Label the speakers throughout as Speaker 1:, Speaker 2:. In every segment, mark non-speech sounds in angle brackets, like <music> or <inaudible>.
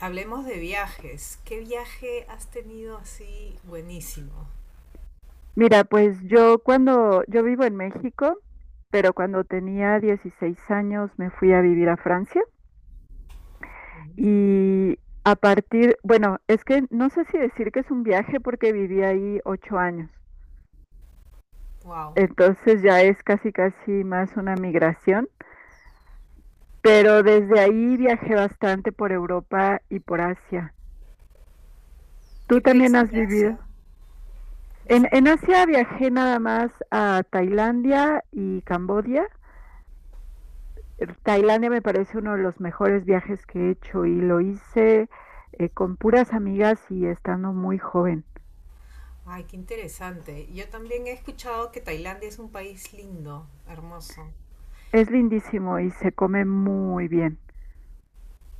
Speaker 1: Hablemos de viajes. ¿Qué viaje has tenido así buenísimo?
Speaker 2: Mira, pues yo vivo en México, pero cuando tenía 16 años me fui a vivir a Francia y a partir, bueno, es que no sé si decir que es un viaje porque viví ahí 8 años,
Speaker 1: Wow.
Speaker 2: entonces ya es casi casi más una migración, pero desde ahí viajé bastante por Europa y por Asia.
Speaker 1: ¿Qué
Speaker 2: ¿Tú también
Speaker 1: países
Speaker 2: has
Speaker 1: de Asia
Speaker 2: vivido? En
Speaker 1: visitaste?
Speaker 2: Asia viajé nada más a Tailandia y Camboya. Tailandia me parece uno de los mejores viajes que he hecho, y lo hice con puras amigas y estando muy joven.
Speaker 1: Ay, qué interesante. Yo también he escuchado que Tailandia es un país lindo, hermoso.
Speaker 2: Es lindísimo y se come muy bien.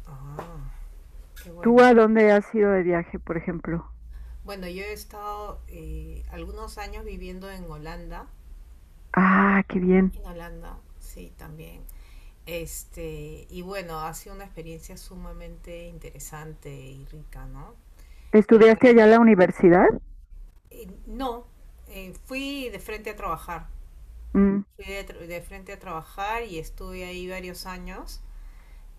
Speaker 1: Ah, qué bueno.
Speaker 2: ¿Tú a dónde has ido de viaje, por ejemplo?
Speaker 1: Bueno, yo he estado algunos años viviendo en Holanda.
Speaker 2: Ah, qué bien.
Speaker 1: En Holanda, sí, también. Y bueno, ha sido una experiencia sumamente interesante y rica, ¿no? El
Speaker 2: ¿Estudiaste
Speaker 1: país.
Speaker 2: allá en la universidad?
Speaker 1: No, fui de frente a trabajar.
Speaker 2: Mm,
Speaker 1: Fui de frente a trabajar y estuve ahí varios años,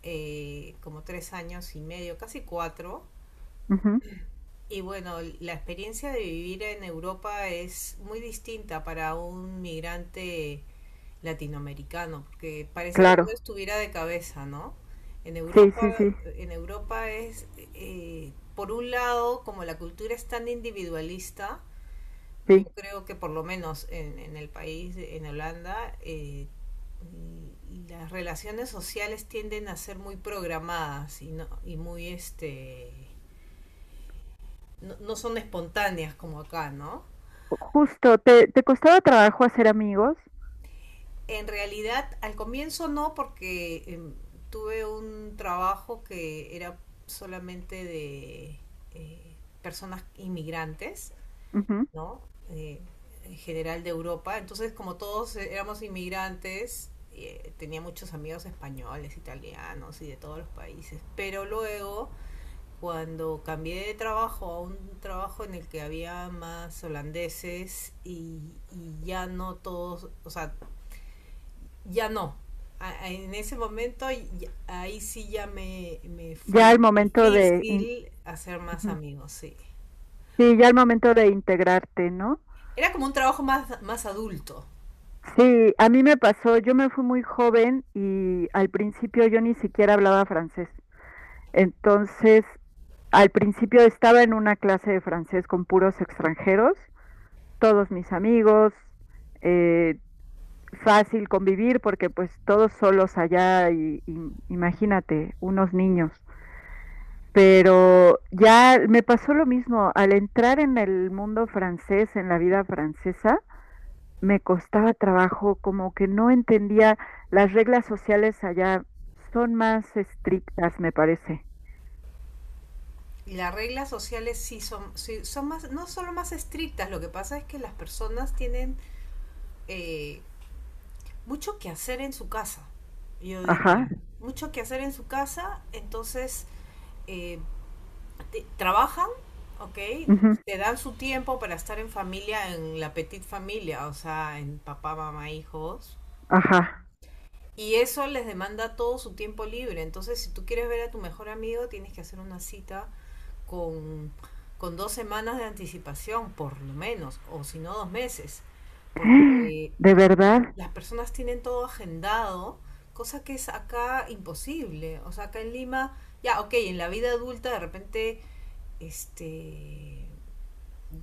Speaker 1: como 3 años y medio, casi cuatro.
Speaker 2: ujú,
Speaker 1: Y bueno, la experiencia de vivir en Europa es muy distinta para un migrante latinoamericano, porque parece que todo
Speaker 2: claro.
Speaker 1: estuviera de cabeza, ¿no? En
Speaker 2: Sí,
Speaker 1: Europa,
Speaker 2: sí, sí,
Speaker 1: en Europa es, por un lado, como la cultura es tan individualista. Yo
Speaker 2: sí.
Speaker 1: creo que por lo menos en el país, en Holanda, y- las relaciones sociales tienden a ser muy programadas y, no, y muy, no, no son espontáneas como acá, ¿no?
Speaker 2: Justo, ¿te costaba trabajo hacer amigos?
Speaker 1: En realidad, al comienzo no, porque tuve un trabajo que era solamente de eh, personas inmigrantes,
Speaker 2: Ujú.
Speaker 1: ¿no? Eh, en general de Europa. Entonces, como todos éramos inmigrantes, tenía muchos amigos españoles, italianos y de todos los países. Pero luego, cuando cambié de trabajo a un trabajo en el que había más holandeses y ya no todos, o sea, ya no. En ese momento, ahí sí ya me
Speaker 2: Ya
Speaker 1: fue
Speaker 2: al momento de, in-
Speaker 1: difícil hacer más
Speaker 2: ujú.
Speaker 1: amigos, sí.
Speaker 2: Sí, ya al momento de integrarte, ¿no?
Speaker 1: Era como un trabajo más, más adulto.
Speaker 2: Sí, a mí me pasó, yo me fui muy joven y al principio yo ni siquiera hablaba francés. Entonces, al principio estaba en una clase de francés con puros extranjeros, todos mis amigos, eh, fácil convivir porque pues todos solos allá y imagínate, unos niños. Pero ya me pasó lo mismo, al entrar en el mundo francés, en la vida francesa, me costaba trabajo, como que no entendía, las reglas sociales allá son más estrictas, me parece.
Speaker 1: Las reglas sociales sí son más, no solo más estrictas, lo que pasa es que las personas tienen eh, mucho que hacer en su casa, yo
Speaker 2: Ajá,
Speaker 1: diría. Mucho que hacer en su casa, entonces eh, trabajan, ¿ok?
Speaker 2: ujú,
Speaker 1: Te dan su tiempo para estar en familia, en la petit familia, o sea, en papá, mamá, hijos.
Speaker 2: ajá.
Speaker 1: Y eso les demanda todo su tiempo libre. Entonces, si tú quieres ver a tu mejor amigo, tienes que hacer una cita con, con 2 semanas de anticipación, por lo menos, o si no 2 meses, porque
Speaker 2: ¿De verdad?
Speaker 1: las personas tienen todo agendado, cosa que es acá imposible. O sea, acá en Lima, ya, ok, en la vida adulta de repente, este,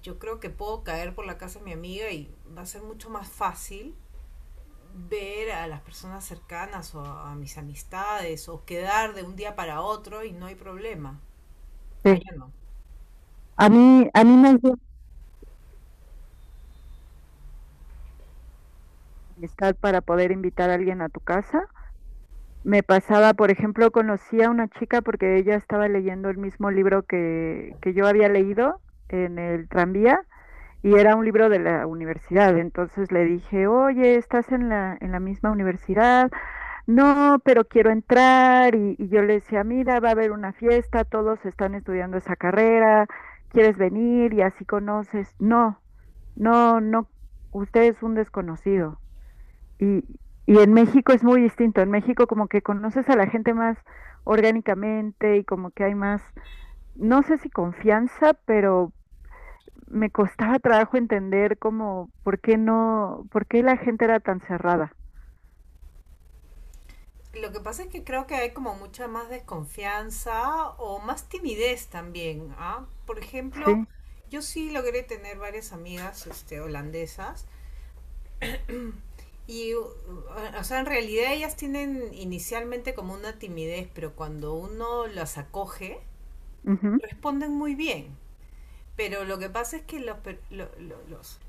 Speaker 1: yo creo que puedo caer por la casa de mi amiga y va a ser mucho más fácil ver a las personas cercanas o a mis amistades o quedar de un día para otro y no hay problema.
Speaker 2: Sí.
Speaker 1: Allá no.
Speaker 2: A mí me ayuda la amistad para poder invitar a alguien a tu casa. Me pasaba, por ejemplo, conocí a una chica porque ella estaba leyendo el mismo libro que yo había leído en el tranvía, y era un libro de la universidad. Entonces le dije, oye, ¿estás en la misma universidad? No, pero quiero entrar, y yo le decía, mira, va a haber una fiesta, todos están estudiando esa carrera, ¿quieres venir? Y así conoces. No, no, no, usted es un desconocido. Y, y en México es muy distinto. En México como que conoces a la gente más orgánicamente y como que hay más, no sé si confianza, pero me costaba trabajo entender como por qué no, por qué la gente era tan cerrada.
Speaker 1: Lo que pasa es que creo que hay como mucha más desconfianza o más timidez también, ¿ah? Por ejemplo,
Speaker 2: Sí.
Speaker 1: yo sí logré tener varias amigas holandesas y, o sea, en realidad ellas tienen inicialmente como una timidez, pero cuando uno las acoge,
Speaker 2: Ujú.
Speaker 1: responden muy bien. Pero lo que pasa es que los, per- lo-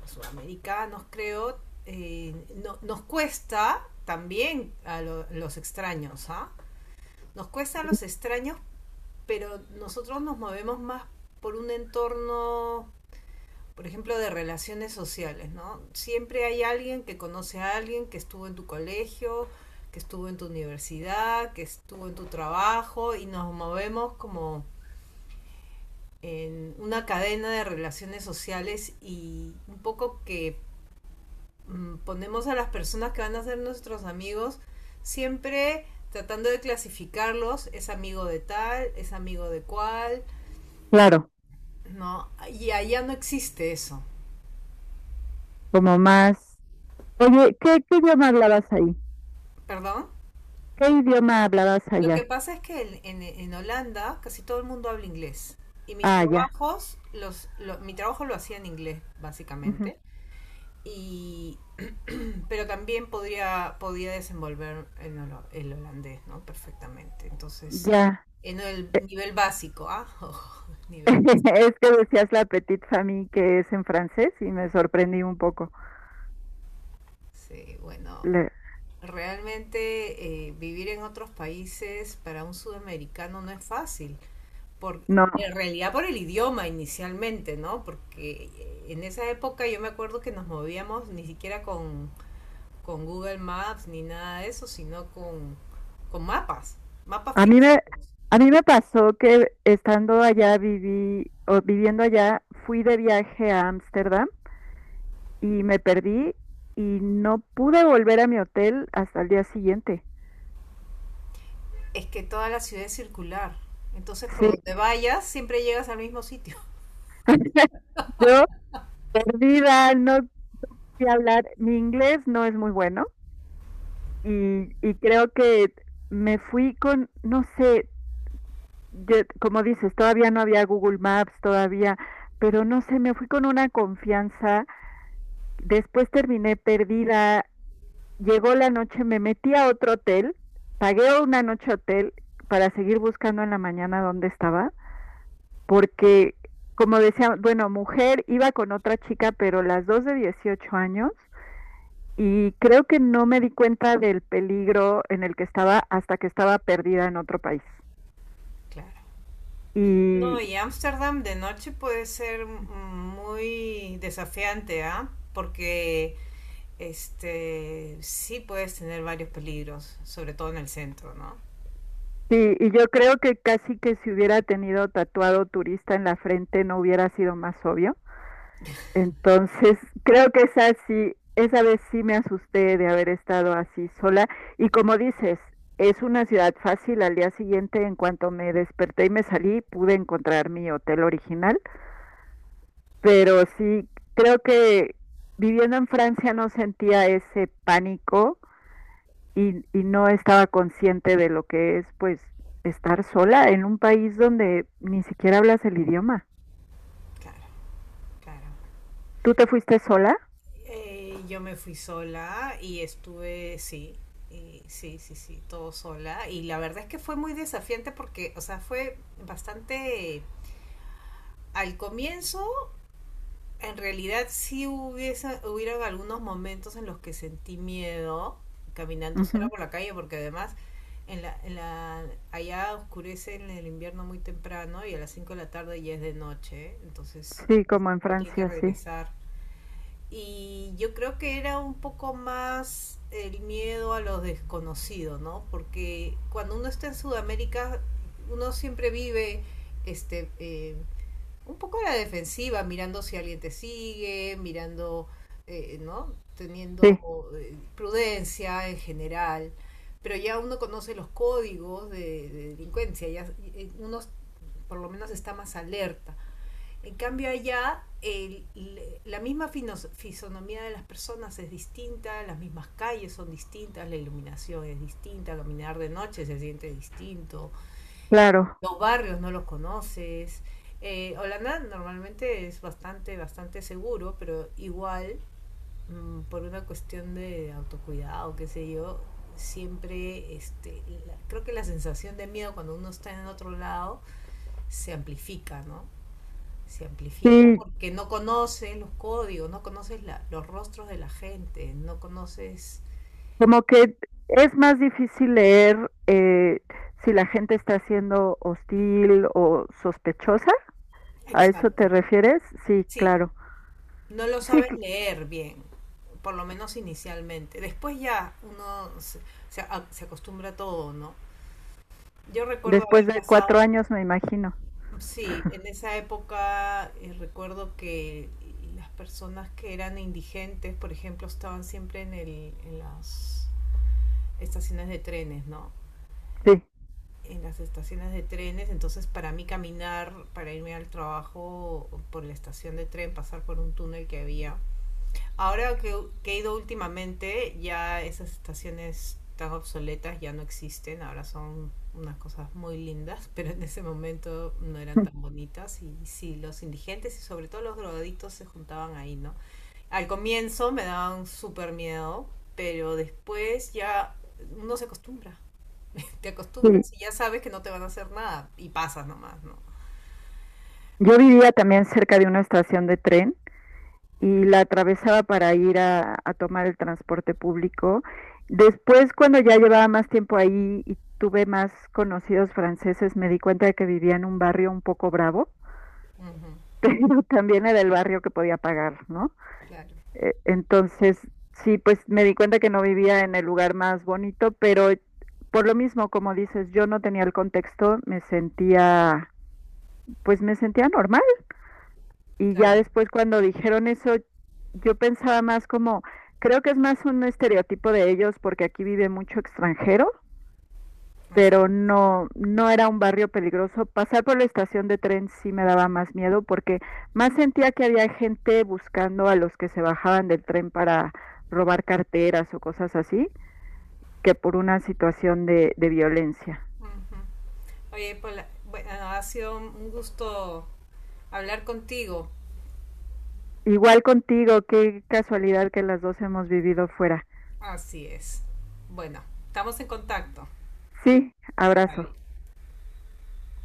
Speaker 1: los sudamericanos, creo, eh, nos cuesta también a los extraños, ¿ah? Nos cuesta a los extraños, pero nosotros nos movemos más por un entorno, por ejemplo, de relaciones sociales, ¿no? Siempre hay alguien que conoce a alguien que estuvo en tu colegio, que estuvo en tu universidad, que estuvo en tu trabajo y nos movemos como en una cadena de relaciones sociales y un poco que ponemos a las personas que van a ser nuestros amigos siempre tratando de clasificarlos, es amigo de tal, es amigo de cual.
Speaker 2: Claro,
Speaker 1: No, y allá no existe eso.
Speaker 2: como más. Oye, ¿qué idioma hablabas ahí?
Speaker 1: ¿Perdón?
Speaker 2: ¿Qué idioma hablabas
Speaker 1: Lo que
Speaker 2: allá?
Speaker 1: pasa es que en Holanda casi todo el mundo habla inglés. Y mis
Speaker 2: Ah, ya.
Speaker 1: trabajos, mi trabajo lo hacía en inglés,
Speaker 2: Ujú.
Speaker 1: básicamente. Y, pero también podría, podía desenvolver el holandés, ¿no? Perfectamente. Entonces,
Speaker 2: Ya.
Speaker 1: en el nivel básico, ¿ah? <laughs> Ojo, nivel básico.
Speaker 2: <laughs> Es que decías la petite famille, que es en francés, y me sorprendí un poco.
Speaker 1: Sí, bueno,
Speaker 2: Le-
Speaker 1: realmente vivir en otros países para un sudamericano no es fácil. Por,
Speaker 2: no,
Speaker 1: en realidad por el idioma inicialmente, ¿no? Porque en esa época yo me acuerdo que nos movíamos ni siquiera con Google Maps ni nada de eso, sino con mapas, mapas
Speaker 2: a mí me,
Speaker 1: físicos.
Speaker 2: a mí me pasó que estando allá viví o viviendo allá, fui de viaje a Ámsterdam y me perdí, y no pude volver a mi hotel hasta el día siguiente.
Speaker 1: Es que toda la ciudad es circular, entonces por
Speaker 2: Sí,
Speaker 1: donde vayas siempre llegas al mismo sitio.
Speaker 2: <laughs> yo perdida, no sé hablar. Mi inglés no es muy bueno. Y creo que me fui con, no sé, yo- como dices, todavía no había Google Maps, todavía, pero no sé, me fui con una confianza. Después terminé perdida, llegó la noche, me metí a otro hotel, pagué una noche hotel para seguir buscando en la mañana dónde estaba, porque, como decía, bueno, mujer, iba con otra chica, pero las dos de 18 años, y creo que no me di cuenta del peligro en el que estaba hasta que estaba perdida en otro país.
Speaker 1: <laughs> Claro. No,
Speaker 2: Y,
Speaker 1: y Ámsterdam de noche puede ser muy desafiante, ¿ah? Porque este sí puedes tener varios peligros, sobre todo en el centro, ¿no?
Speaker 2: y yo creo que casi que si hubiera tenido tatuado turista en la frente no hubiera sido más obvio. Entonces, creo que esa sí, esa vez sí me asusté de haber estado así sola. Y como dices, es una ciudad fácil. Al día siguiente, en cuanto me desperté y me salí, pude encontrar mi hotel original, pero sí, creo que viviendo en Francia no sentía ese pánico, y no estaba consciente de lo que es, pues, estar sola en un país donde ni siquiera hablas el idioma.
Speaker 1: Claro, claro.
Speaker 2: ¿Tú te fuiste sola?
Speaker 1: Yo me fui sola y estuve, sí, y sí, sí, sí, todo sola. Y la verdad es que fue muy desafiante porque, o sea, fue bastante. Al comienzo, en realidad sí hubiese, hubieron algunos momentos en los que sentí miedo caminando sola
Speaker 2: Ujú.
Speaker 1: por la calle porque además en la, en la, allá oscurece en el invierno muy temprano y a las 5 de la tarde ya es de noche, entonces
Speaker 2: Sí, como en
Speaker 1: uno tiene que
Speaker 2: Francia, sí.
Speaker 1: regresar. Y yo creo que era un poco más el miedo a lo desconocido, ¿no? Porque cuando uno está en Sudamérica, uno siempre vive este, eh, un poco a la defensiva, mirando si alguien te sigue, mirando, ¿no? Teniendo
Speaker 2: Sí,
Speaker 1: prudencia en general. Pero ya uno conoce los códigos de delincuencia, ya uno por lo menos está más alerta. En cambio allá la misma fisonomía de las personas es distinta, las mismas calles son distintas, la iluminación es distinta, caminar de noche se siente distinto,
Speaker 2: claro.
Speaker 1: los barrios no los conoces. Holanda normalmente es bastante, bastante seguro, pero igual por una cuestión de autocuidado, qué sé yo, siempre creo que la sensación de miedo cuando uno está en otro lado se amplifica, ¿no? Se amplifica
Speaker 2: Sí,
Speaker 1: porque no conoces los códigos, no conoces los rostros de la gente, no conoces.
Speaker 2: como que es más difícil leer si la gente está siendo hostil o sospechosa. ¿A eso te
Speaker 1: Exacto,
Speaker 2: refieres? Sí,
Speaker 1: sí,
Speaker 2: claro.
Speaker 1: no lo
Speaker 2: Sí.
Speaker 1: sabes leer bien, por lo menos inicialmente. Después ya uno se acostumbra a todo, ¿no? Yo recuerdo
Speaker 2: Después
Speaker 1: haber
Speaker 2: de cuatro
Speaker 1: pasado,
Speaker 2: años, me imagino.
Speaker 1: sí, en esa época recuerdo que las personas que eran indigentes, por ejemplo, estaban siempre en las estaciones de trenes, ¿no?
Speaker 2: Sí.
Speaker 1: En las estaciones de trenes, entonces para mí caminar, para irme al trabajo por la estación de tren, pasar por un túnel que había. Ahora que he ido últimamente, ya esas estaciones tan obsoletas ya no existen, ahora son unas cosas muy lindas, <laughs> pero en ese momento no eran tan
Speaker 2: <laughs>
Speaker 1: bonitas y sí, los indigentes y sobre todo los drogadictos se juntaban ahí, ¿no? Al comienzo me daban súper miedo, pero después ya uno se acostumbra, te
Speaker 2: Sí.
Speaker 1: acostumbras y ya sabes que no te van a hacer nada y pasas nomás, ¿no?
Speaker 2: Yo vivía también cerca de una estación de tren y la atravesaba para ir a tomar el transporte público. Después, cuando ya llevaba más tiempo ahí y tuve más conocidos franceses, me di cuenta de que vivía en un barrio un poco bravo,
Speaker 1: Ujú,
Speaker 2: <laughs> pero también era el barrio que podía pagar, ¿no?
Speaker 1: claro,
Speaker 2: Entonces, sí, pues me di cuenta que no vivía en el lugar más bonito, pero por lo mismo, como dices, yo no tenía el contexto, me sentía, pues me sentía normal. Y ya
Speaker 1: claro,
Speaker 2: después cuando dijeron eso, yo pensaba más como, creo que es más un estereotipo de ellos porque aquí vive mucho extranjero,
Speaker 1: así.
Speaker 2: pero no, no era un barrio peligroso. Pasar por la estación de tren sí me daba más miedo porque más sentía que había gente buscando a los que se bajaban del tren para robar carteras o cosas así, que por una situación de violencia.
Speaker 1: Ujú. Oye, Paula, bueno, ha sido un gusto hablar contigo.
Speaker 2: Igual contigo, qué casualidad que las dos hemos vivido fuera.
Speaker 1: Así es. Bueno, estamos en contacto.
Speaker 2: Sí, abrazo.
Speaker 1: Bye.